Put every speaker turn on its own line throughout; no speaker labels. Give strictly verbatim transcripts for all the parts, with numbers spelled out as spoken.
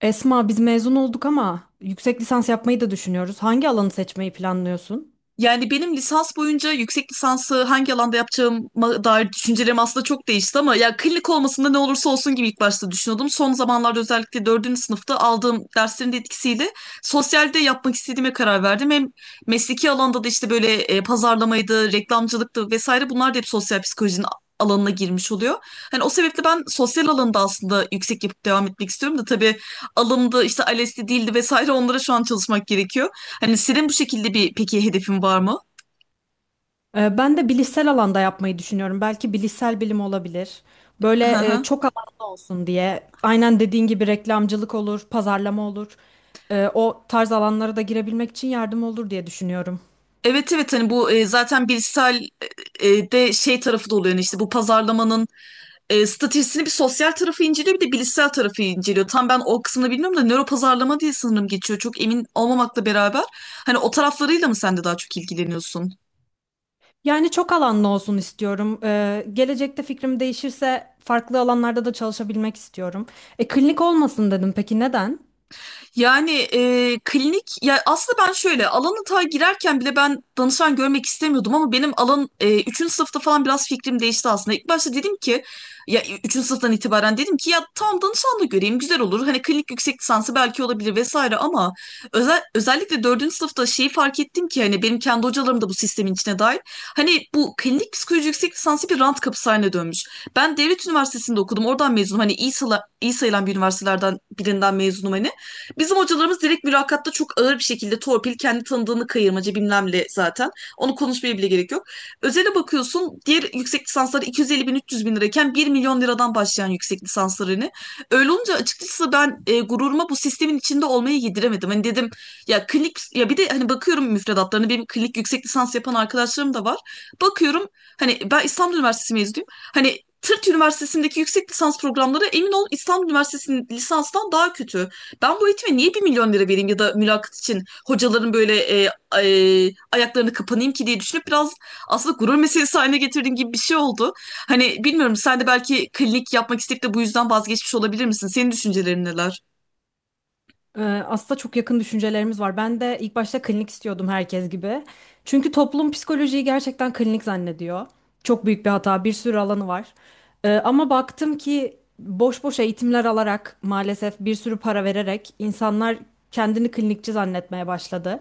Esma, biz mezun olduk ama yüksek lisans yapmayı da düşünüyoruz. Hangi alanı seçmeyi planlıyorsun?
Yani benim lisans boyunca yüksek lisansı hangi alanda yapacağıma dair düşüncelerim aslında çok değişti ama ya klinik olmasında ne olursa olsun gibi ilk başta düşünüyordum. Son zamanlarda özellikle dördüncü sınıfta aldığım derslerin de etkisiyle sosyalde yapmak istediğime karar verdim. Hem mesleki alanda da işte böyle e, pazarlamaydı, reklamcılıktı vesaire bunlar da hep sosyal psikolojinin alanına girmiş oluyor. Hani o sebeple ben sosyal alanda aslında yüksek yapıp devam etmek istiyorum da tabii alımda işte ALES'ti değildi vesaire onlara şu an çalışmak gerekiyor. Hani senin bu şekilde bir peki hedefin var mı?
Ee, ben de bilişsel alanda yapmayı düşünüyorum. Belki bilişsel bilim olabilir.
Hı
Böyle e,
hı.
çok alanlı olsun diye. Aynen dediğin gibi reklamcılık olur, pazarlama olur. Ee, o tarz alanlara da girebilmek için yardım olur diye düşünüyorum.
Evet evet, hani bu e, zaten Bilsel e, e, de şey tarafı da oluyor yani işte bu pazarlamanın e, stratejisini bir sosyal tarafı inceliyor bir de bilişsel tarafı inceliyor. Tam ben o kısmını bilmiyorum da nöro pazarlama diye sanırım geçiyor. Çok emin olmamakla beraber hani o taraflarıyla mı sen de daha çok ilgileniyorsun?
Yani çok alanlı olsun istiyorum. Ee, gelecekte fikrim değişirse farklı alanlarda da çalışabilmek istiyorum. E, klinik olmasın dedim. Peki neden?
Yani e, klinik ya aslında ben şöyle alanı ta girerken bile ben danışan görmek istemiyordum ama benim alan e, üçüncü sınıfta falan biraz fikrim değişti aslında. İlk başta dedim ki ya üçüncü sınıftan itibaren dedim ki ya tamam danışan da göreyim güzel olur. Hani klinik yüksek lisansı belki olabilir vesaire ama özel, özellikle dördüncü sınıfta şeyi fark ettim ki hani benim kendi hocalarım da bu sistemin içine dahil. Hani bu klinik psikoloji yüksek lisansı bir rant kapısı haline dönmüş. Ben devlet üniversitesinde okudum oradan mezunum hani iyi, sayılan- iyi sayılan bir üniversitelerden birinden mezunum hani. Bizim hocalarımız direkt mülakatta çok ağır bir şekilde torpil, kendi tanıdığını kayırmacı bilmemle zaten. Onu konuşmaya bile gerek yok. Özele bakıyorsun diğer yüksek lisansları iki yüz elli bin üç yüz bin lirayken bir milyon liradan başlayan yüksek lisanslarını. Öyle olunca açıkçası ben e, gururuma bu sistemin içinde olmayı yediremedim. Hani dedim ya klinik ya bir de hani bakıyorum müfredatlarına hani benim klinik yüksek lisans yapan arkadaşlarım da var. Bakıyorum hani ben İstanbul Üniversitesi mezunuyum. Hani Tırt Üniversitesi'ndeki yüksek lisans programları emin ol İstanbul Üniversitesi'nin lisanstan daha kötü. Ben bu eğitime niye bir milyon lira vereyim ya da mülakat için hocaların böyle e, e, ayaklarını kapanayım ki diye düşünüp biraz aslında gurur meselesi haline getirdiğim gibi bir şey oldu. Hani bilmiyorum sen de belki klinik yapmak isteyip de bu yüzden vazgeçmiş olabilir misin? Senin düşüncelerin neler?
Ee, Aslında çok yakın düşüncelerimiz var. Ben de ilk başta klinik istiyordum herkes gibi. Çünkü toplum psikolojiyi gerçekten klinik zannediyor. Çok büyük bir hata, bir sürü alanı var. Ee, ama baktım ki boş boş eğitimler alarak maalesef bir sürü para vererek insanlar kendini klinikçi zannetmeye başladı.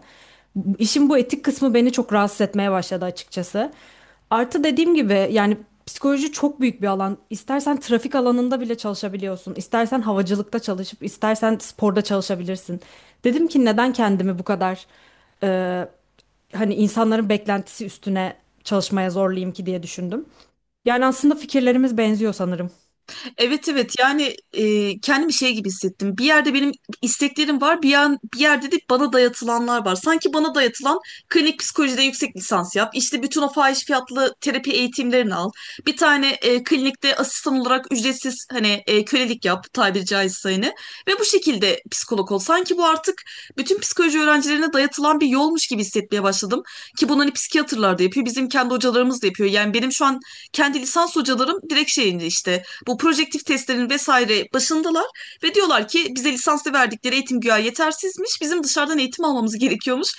İşin bu etik kısmı beni çok rahatsız etmeye başladı açıkçası. Artı dediğim gibi yani psikoloji çok büyük bir alan. İstersen trafik alanında bile çalışabiliyorsun. İstersen havacılıkta çalışıp, istersen sporda çalışabilirsin. Dedim ki neden kendimi bu kadar e, hani insanların beklentisi üstüne çalışmaya zorlayayım ki diye düşündüm. Yani aslında fikirlerimiz benziyor sanırım.
Evet evet, yani e, kendimi şey gibi hissettim. Bir yerde benim isteklerim var, bir, yan, bir yerde de bana dayatılanlar var. Sanki bana dayatılan klinik psikolojide yüksek lisans yap, işte bütün o fahiş fiyatlı terapi eğitimlerini al. Bir tane e, klinikte asistan olarak ücretsiz hani e, kölelik yap tabiri caizse hani. Ve bu şekilde psikolog ol. Sanki bu artık bütün psikoloji öğrencilerine dayatılan bir yolmuş gibi hissetmeye başladım. Ki bunu hani psikiyatrlar da yapıyor, bizim kendi hocalarımız da yapıyor. Yani benim şu an kendi lisans hocalarım direkt şeyinde işte bu projektif testlerin vesaire başındalar ve diyorlar ki bize lisanslı verdikleri eğitim güya yetersizmiş. Bizim dışarıdan eğitim almamız gerekiyormuş.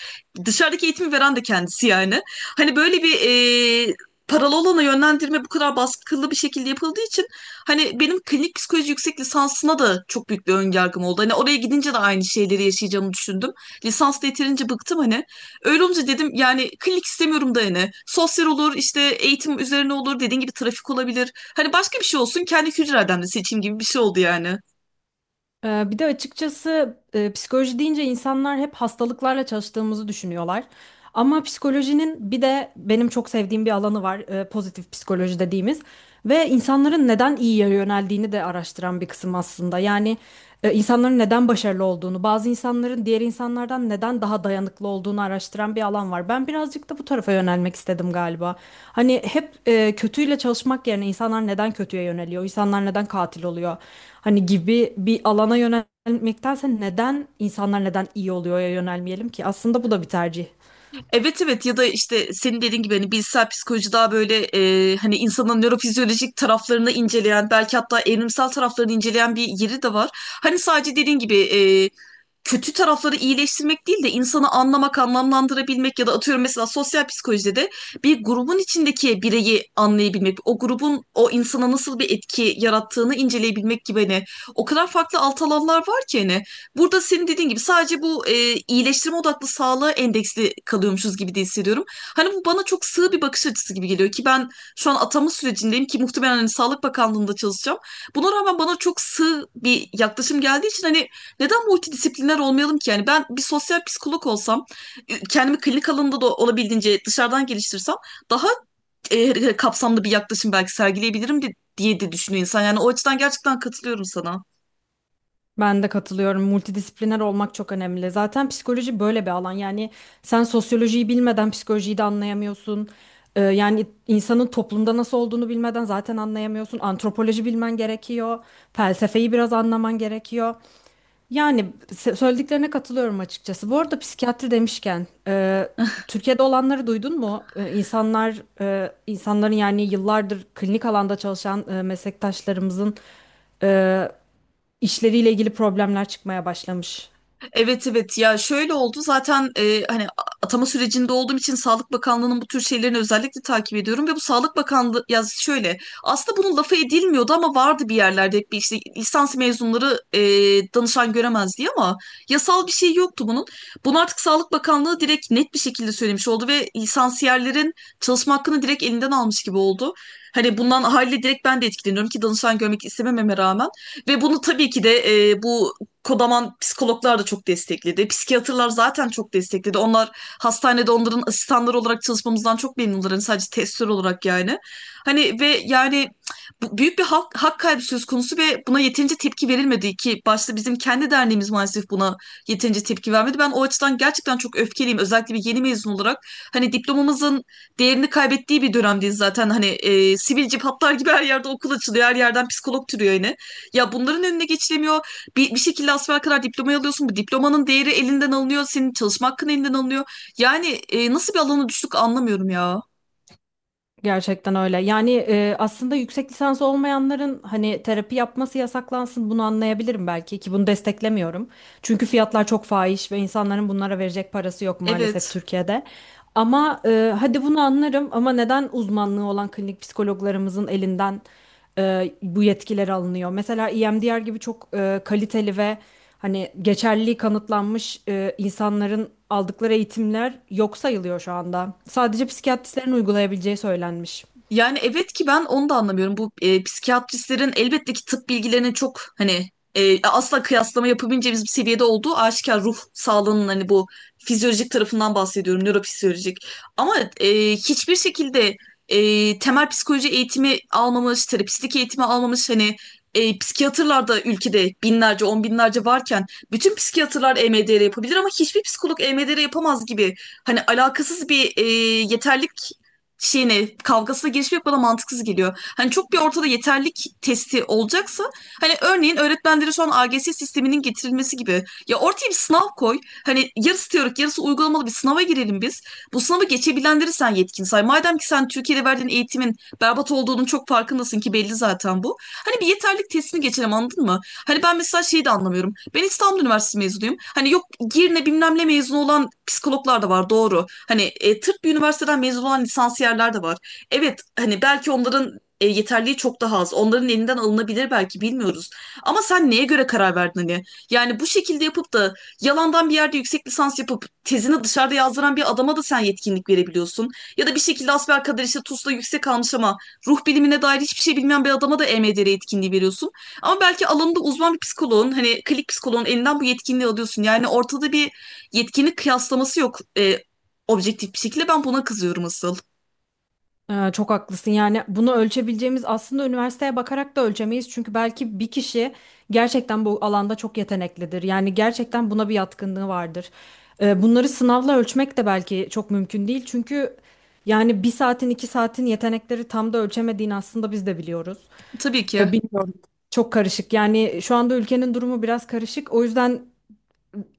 Dışarıdaki eğitimi veren de kendisi yani. Hani böyle bir e, paralı olana yönlendirme bu kadar baskılı bir şekilde yapıldığı için hani benim klinik psikoloji yüksek lisansına da çok büyük bir önyargım oldu. Hani oraya gidince de aynı şeyleri yaşayacağımı düşündüm. Lisansla yeterince bıktım hani. Öyle olunca dedim yani klinik istemiyorum da yani. Sosyal olur işte eğitim üzerine olur dediğin gibi trafik olabilir. Hani başka bir şey olsun kendi kültür adamını seçeyim gibi bir şey oldu yani.
Ee, Bir de açıkçası e, psikoloji deyince insanlar hep hastalıklarla çalıştığımızı düşünüyorlar. Ama psikolojinin bir de benim çok sevdiğim bir alanı var, e, pozitif psikoloji dediğimiz ve insanların neden iyiye yöneldiğini de araştıran bir kısım aslında. Yani e, insanların neden başarılı olduğunu, bazı insanların diğer insanlardan neden daha dayanıklı olduğunu araştıran bir alan var. Ben birazcık da bu tarafa yönelmek istedim galiba. Hani hep e, kötüyle çalışmak yerine insanlar neden kötüye yöneliyor? İnsanlar neden katil oluyor? Hani gibi bir alana yönelmektense neden insanlar neden iyi oluyor'ya yönelmeyelim ki? Aslında bu da bir tercih.
Evet evet, ya da işte senin dediğin gibi hani bilişsel psikoloji daha böyle e, hani insanın nörofizyolojik taraflarını inceleyen belki hatta evrimsel taraflarını inceleyen bir yeri de var. Hani sadece dediğin gibi e, kötü tarafları iyileştirmek değil de insanı anlamak, anlamlandırabilmek ya da atıyorum mesela sosyal psikolojide de bir grubun içindeki bireyi anlayabilmek, o grubun o insana nasıl bir etki yarattığını inceleyebilmek gibi hani o kadar farklı alt alanlar var ki hani burada senin dediğin gibi sadece bu e, iyileştirme odaklı sağlığa endeksli kalıyormuşuz gibi de hissediyorum. Hani bu bana çok sığ bir bakış açısı gibi geliyor ki ben şu an atama sürecindeyim ki muhtemelen hani Sağlık Bakanlığı'nda çalışacağım. Buna rağmen bana çok sığ bir yaklaşım geldiği için hani neden multidisipliner olmayalım ki? Yani ben bir sosyal psikolog olsam, e, kendimi klinik alanında da olabildiğince dışarıdan geliştirsem daha e, kapsamlı bir yaklaşım belki sergileyebilirim de- diye de düşünüyor insan. Yani o açıdan gerçekten katılıyorum sana.
Ben de katılıyorum. Multidisipliner olmak çok önemli. Zaten psikoloji böyle bir alan. Yani sen sosyolojiyi bilmeden psikolojiyi de anlayamıyorsun. Ee, yani insanın toplumda nasıl olduğunu bilmeden zaten anlayamıyorsun. Antropoloji bilmen gerekiyor. Felsefeyi biraz anlaman gerekiyor. Yani se- söylediklerine katılıyorum açıkçası. Bu arada psikiyatri demişken, e, Türkiye'de olanları duydun mu? E, insanlar, e, insanların yani yıllardır klinik alanda çalışan e, meslektaşlarımızın e, işleriyle ilgili problemler çıkmaya başlamış.
Evet evet, ya şöyle oldu zaten e, hani atama sürecinde olduğum için Sağlık Bakanlığı'nın bu tür şeylerini özellikle takip ediyorum ve bu Sağlık Bakanlığı ya şöyle aslında bunun lafı edilmiyordu ama vardı bir yerlerde hep bir işte lisans mezunları e, danışan göremez diye ama yasal bir şey yoktu bunun. Bunu artık Sağlık Bakanlığı direkt net bir şekilde söylemiş oldu ve lisansiyerlerin çalışma hakkını direkt elinden almış gibi oldu. Hani bundan haliyle direkt ben de etkileniyorum ki danışan görmek istemememe rağmen. Ve bunu tabii ki de e, bu kodaman psikologlar da çok destekledi. Psikiyatrlar zaten çok destekledi. Onlar hastanede onların asistanları olarak çalışmamızdan çok memnunlar. Hani sadece testör olarak yani. Hani ve yani bu- büyük bir hak, hak kaybı söz konusu ve buna yeterince tepki verilmedi ki başta bizim kendi derneğimiz maalesef buna yeterince tepki vermedi. Ben o açıdan gerçekten çok öfkeliyim. Özellikle bir yeni mezun olarak hani diplomamızın değerini kaybettiği bir dönemdeyiz zaten. Hani e, sivilce patlar gibi her yerde okul açılıyor. Her yerden psikolog türüyor yine. Ya bunların önüne geçilemiyor. Bir, bir şekilde asfer kadar diplomayı alıyorsun. Bu diplomanın değeri elinden alınıyor. Senin çalışma hakkın elinden alınıyor. Yani e, nasıl bir alana düştük anlamıyorum ya.
Gerçekten öyle. Yani e, aslında yüksek lisans olmayanların hani terapi yapması yasaklansın bunu anlayabilirim belki ki bunu desteklemiyorum. Çünkü fiyatlar çok fahiş ve insanların bunlara verecek parası yok maalesef
Evet.
Türkiye'de. Ama e, hadi bunu anlarım ama neden uzmanlığı olan klinik psikologlarımızın elinden e, bu yetkiler alınıyor. Mesela E M D R gibi çok e, kaliteli ve hani geçerliliği kanıtlanmış e, insanların aldıkları eğitimler yok sayılıyor şu anda. Sadece psikiyatristlerin uygulayabileceği söylenmiş.
Yani evet ki ben onu da anlamıyorum. Bu e, psikiyatristlerin elbette ki tıp bilgilerinin çok hani e, asla kıyaslama yapabileceğimiz bir seviyede olduğu aşikar ruh sağlığının hani bu fizyolojik tarafından bahsediyorum, nörofizyolojik. Ama e, hiçbir şekilde e, temel psikoloji eğitimi almamış, terapistlik eğitimi almamış hani e, psikiyatrlar da ülkede binlerce, on binlerce varken bütün psikiyatrlar E M D R yapabilir ama hiçbir psikolog E M D R yapamaz gibi hani alakasız bir e, yeterlik şeyine kavgasına girişmek bana mantıksız geliyor. Hani çok bir ortada yeterlik testi olacaksa hani örneğin öğretmenlere şu an A G S sisteminin getirilmesi gibi ya ortaya bir sınav koy. Hani yarısı teorik yarısı uygulamalı bir sınava girelim biz. Bu sınavı geçebilenleri sen yetkin say. Madem ki sen Türkiye'de verdiğin eğitimin berbat olduğunun çok farkındasın ki belli zaten bu. Hani bir yeterlik testini geçelim anladın mı? Hani ben mesela şeyi de anlamıyorum. Ben İstanbul Üniversitesi mezunuyum. Hani yok Girne bilmem ne mezunu olan psikologlar da var doğru. Hani e, tıp bir üniversiteden mezun olan lisansiyerler de var. Evet hani belki onların e, yeterliği çok daha az. Onların elinden alınabilir belki bilmiyoruz. Ama sen neye göre karar verdin hani? Yani bu şekilde yapıp da yalandan bir yerde yüksek lisans yapıp tezini dışarıda yazdıran bir adama da sen yetkinlik verebiliyorsun. Ya da bir şekilde asbelkader işte TUS'ta yüksek almış ama ruh bilimine dair hiçbir şey bilmeyen bir adama da E M D R yetkinliği veriyorsun. Ama belki alanında uzman bir psikoloğun hani klinik psikoloğun elinden bu yetkinliği alıyorsun. Yani ortada bir yetkinlik kıyaslaması yok e, objektif bir şekilde. Ben buna kızıyorum asıl.
Ee, çok haklısın. Yani bunu ölçebileceğimiz aslında üniversiteye bakarak da ölçemeyiz. Çünkü belki bir kişi gerçekten bu alanda çok yeteneklidir. Yani gerçekten buna bir yatkınlığı vardır. Ee, bunları sınavla ölçmek de belki çok mümkün değil. Çünkü yani bir saatin iki saatin yetenekleri tam da ölçemediğini aslında biz de biliyoruz.
Tabii ki.
Ee, bilmiyorum. Çok karışık. Yani şu anda ülkenin durumu biraz karışık. O yüzden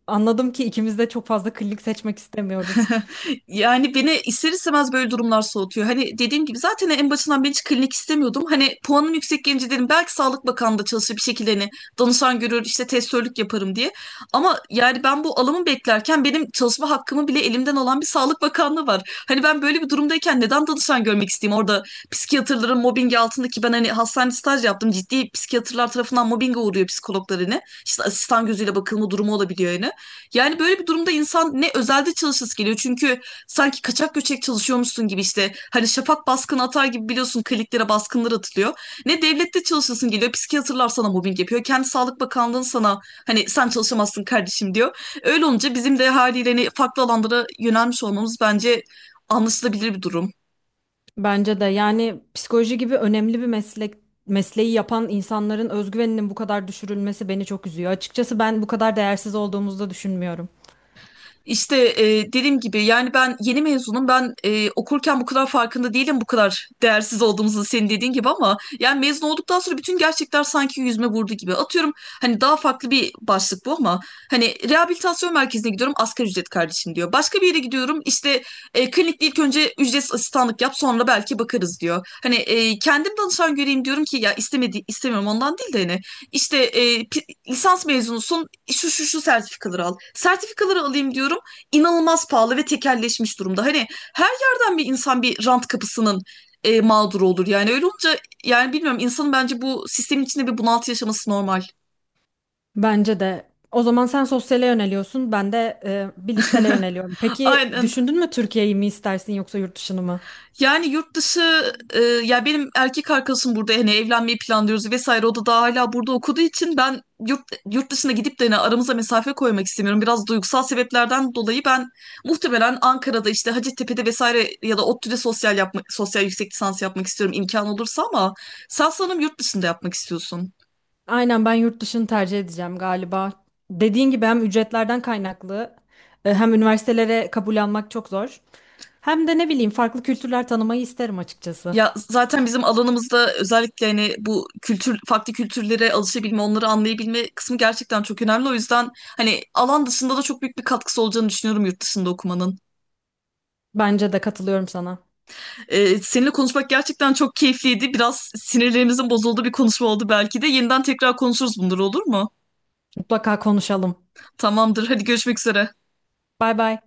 anladım ki ikimiz de çok fazla klinik seçmek istemiyoruz.
Yani beni ister istemez böyle durumlar soğutuyor. Hani dediğim gibi zaten en başından ben hiç klinik istemiyordum. Hani puanım yüksek gelince dedim belki Sağlık Bakanlığı'nda çalışır bir şekilde hani danışan görür işte testörlük yaparım diye. Ama yani ben bu alımı beklerken benim çalışma hakkımı bile elimden alan bir Sağlık Bakanlığı var. Hani ben böyle bir durumdayken neden danışan görmek isteyeyim? Orada psikiyatrların mobbingi altındaki ben hani hastane staj yaptım. Ciddi psikiyatrlar tarafından mobbinge uğruyor psikologlar hani. İşte asistan gözüyle bakılma durumu olabiliyor yani. Yani böyle bir durumda insan ne özelde çalışası geliyor. Çünkü sanki kaçak göçek çalışıyormuşsun gibi işte hani şafak baskını atar gibi biliyorsun kliniklere baskınlar atılıyor. Ne devlette çalışasın geliyor. Psikiyatrlar sana mobbing yapıyor. Kendi Sağlık Bakanlığı'nın sana hani sen çalışamazsın kardeşim diyor. Öyle olunca bizim de haliyle hani farklı alanlara yönelmiş olmamız bence anlaşılabilir bir durum.
Bence de yani psikoloji gibi önemli bir meslek mesleği yapan insanların özgüveninin bu kadar düşürülmesi beni çok üzüyor. Açıkçası ben bu kadar değersiz olduğumuzu da düşünmüyorum.
İşte e, dediğim gibi yani ben yeni mezunum ben e, okurken bu kadar farkında değilim bu kadar değersiz olduğumuzu senin dediğin gibi ama yani mezun olduktan sonra bütün gerçekler sanki yüzüme vurdu gibi atıyorum hani daha farklı bir başlık bu ama hani rehabilitasyon merkezine gidiyorum asgari ücret kardeşim diyor başka bir yere gidiyorum işte e, klinikte ilk önce ücretsiz asistanlık yap sonra belki bakarız diyor hani e, kendim danışan göreyim diyorum ki ya istemedi istemiyorum ondan değil de hani işte e, pi- lisans mezunusun şu şu şu sertifikaları al. Sertifikaları alayım diyorum inanılmaz pahalı ve tekelleşmiş durumda. Hani her yerden bir insan bir rant kapısının e, mağduru olur. Yani öyle olunca yani bilmiyorum insanın bence bu sistemin içinde bir bunaltı yaşaması normal.
Bence de. O zaman sen sosyale yöneliyorsun, ben de e, bir lisele yöneliyorum. Peki
Aynen.
düşündün mü Türkiye'yi mi istersin yoksa yurt dışını mı?
Yani yurt dışı e, ya benim erkek arkadaşım burada hani evlenmeyi planlıyoruz vesaire o da daha hala burada okuduğu için ben yurt yurt dışına gidip de hani aramıza mesafe koymak istemiyorum. Biraz duygusal sebeplerden dolayı ben muhtemelen Ankara'da işte Hacettepe'de vesaire ya da ODTÜ'de sosyal yapmak sosyal yüksek lisans yapmak istiyorum imkan olursa ama sen sanırım yurt dışında yapmak istiyorsun.
Aynen ben yurt dışını tercih edeceğim galiba. Dediğin gibi hem ücretlerden kaynaklı e, hem üniversitelere kabul almak çok zor. Hem de ne bileyim farklı kültürler tanımayı isterim açıkçası.
Ya zaten bizim alanımızda özellikle hani bu kültür farklı kültürlere alışabilme, onları anlayabilme kısmı gerçekten çok önemli. O yüzden hani alan dışında da çok büyük bir katkısı olacağını düşünüyorum yurt dışında okumanın.
Bence de katılıyorum sana.
Ee, seninle konuşmak gerçekten çok keyifliydi. Biraz sinirlerimizin bozulduğu bir konuşma oldu belki de. Yeniden tekrar konuşuruz bunları olur mu?
Mutlaka konuşalım.
Tamamdır. Hadi görüşmek üzere.
Bay bay.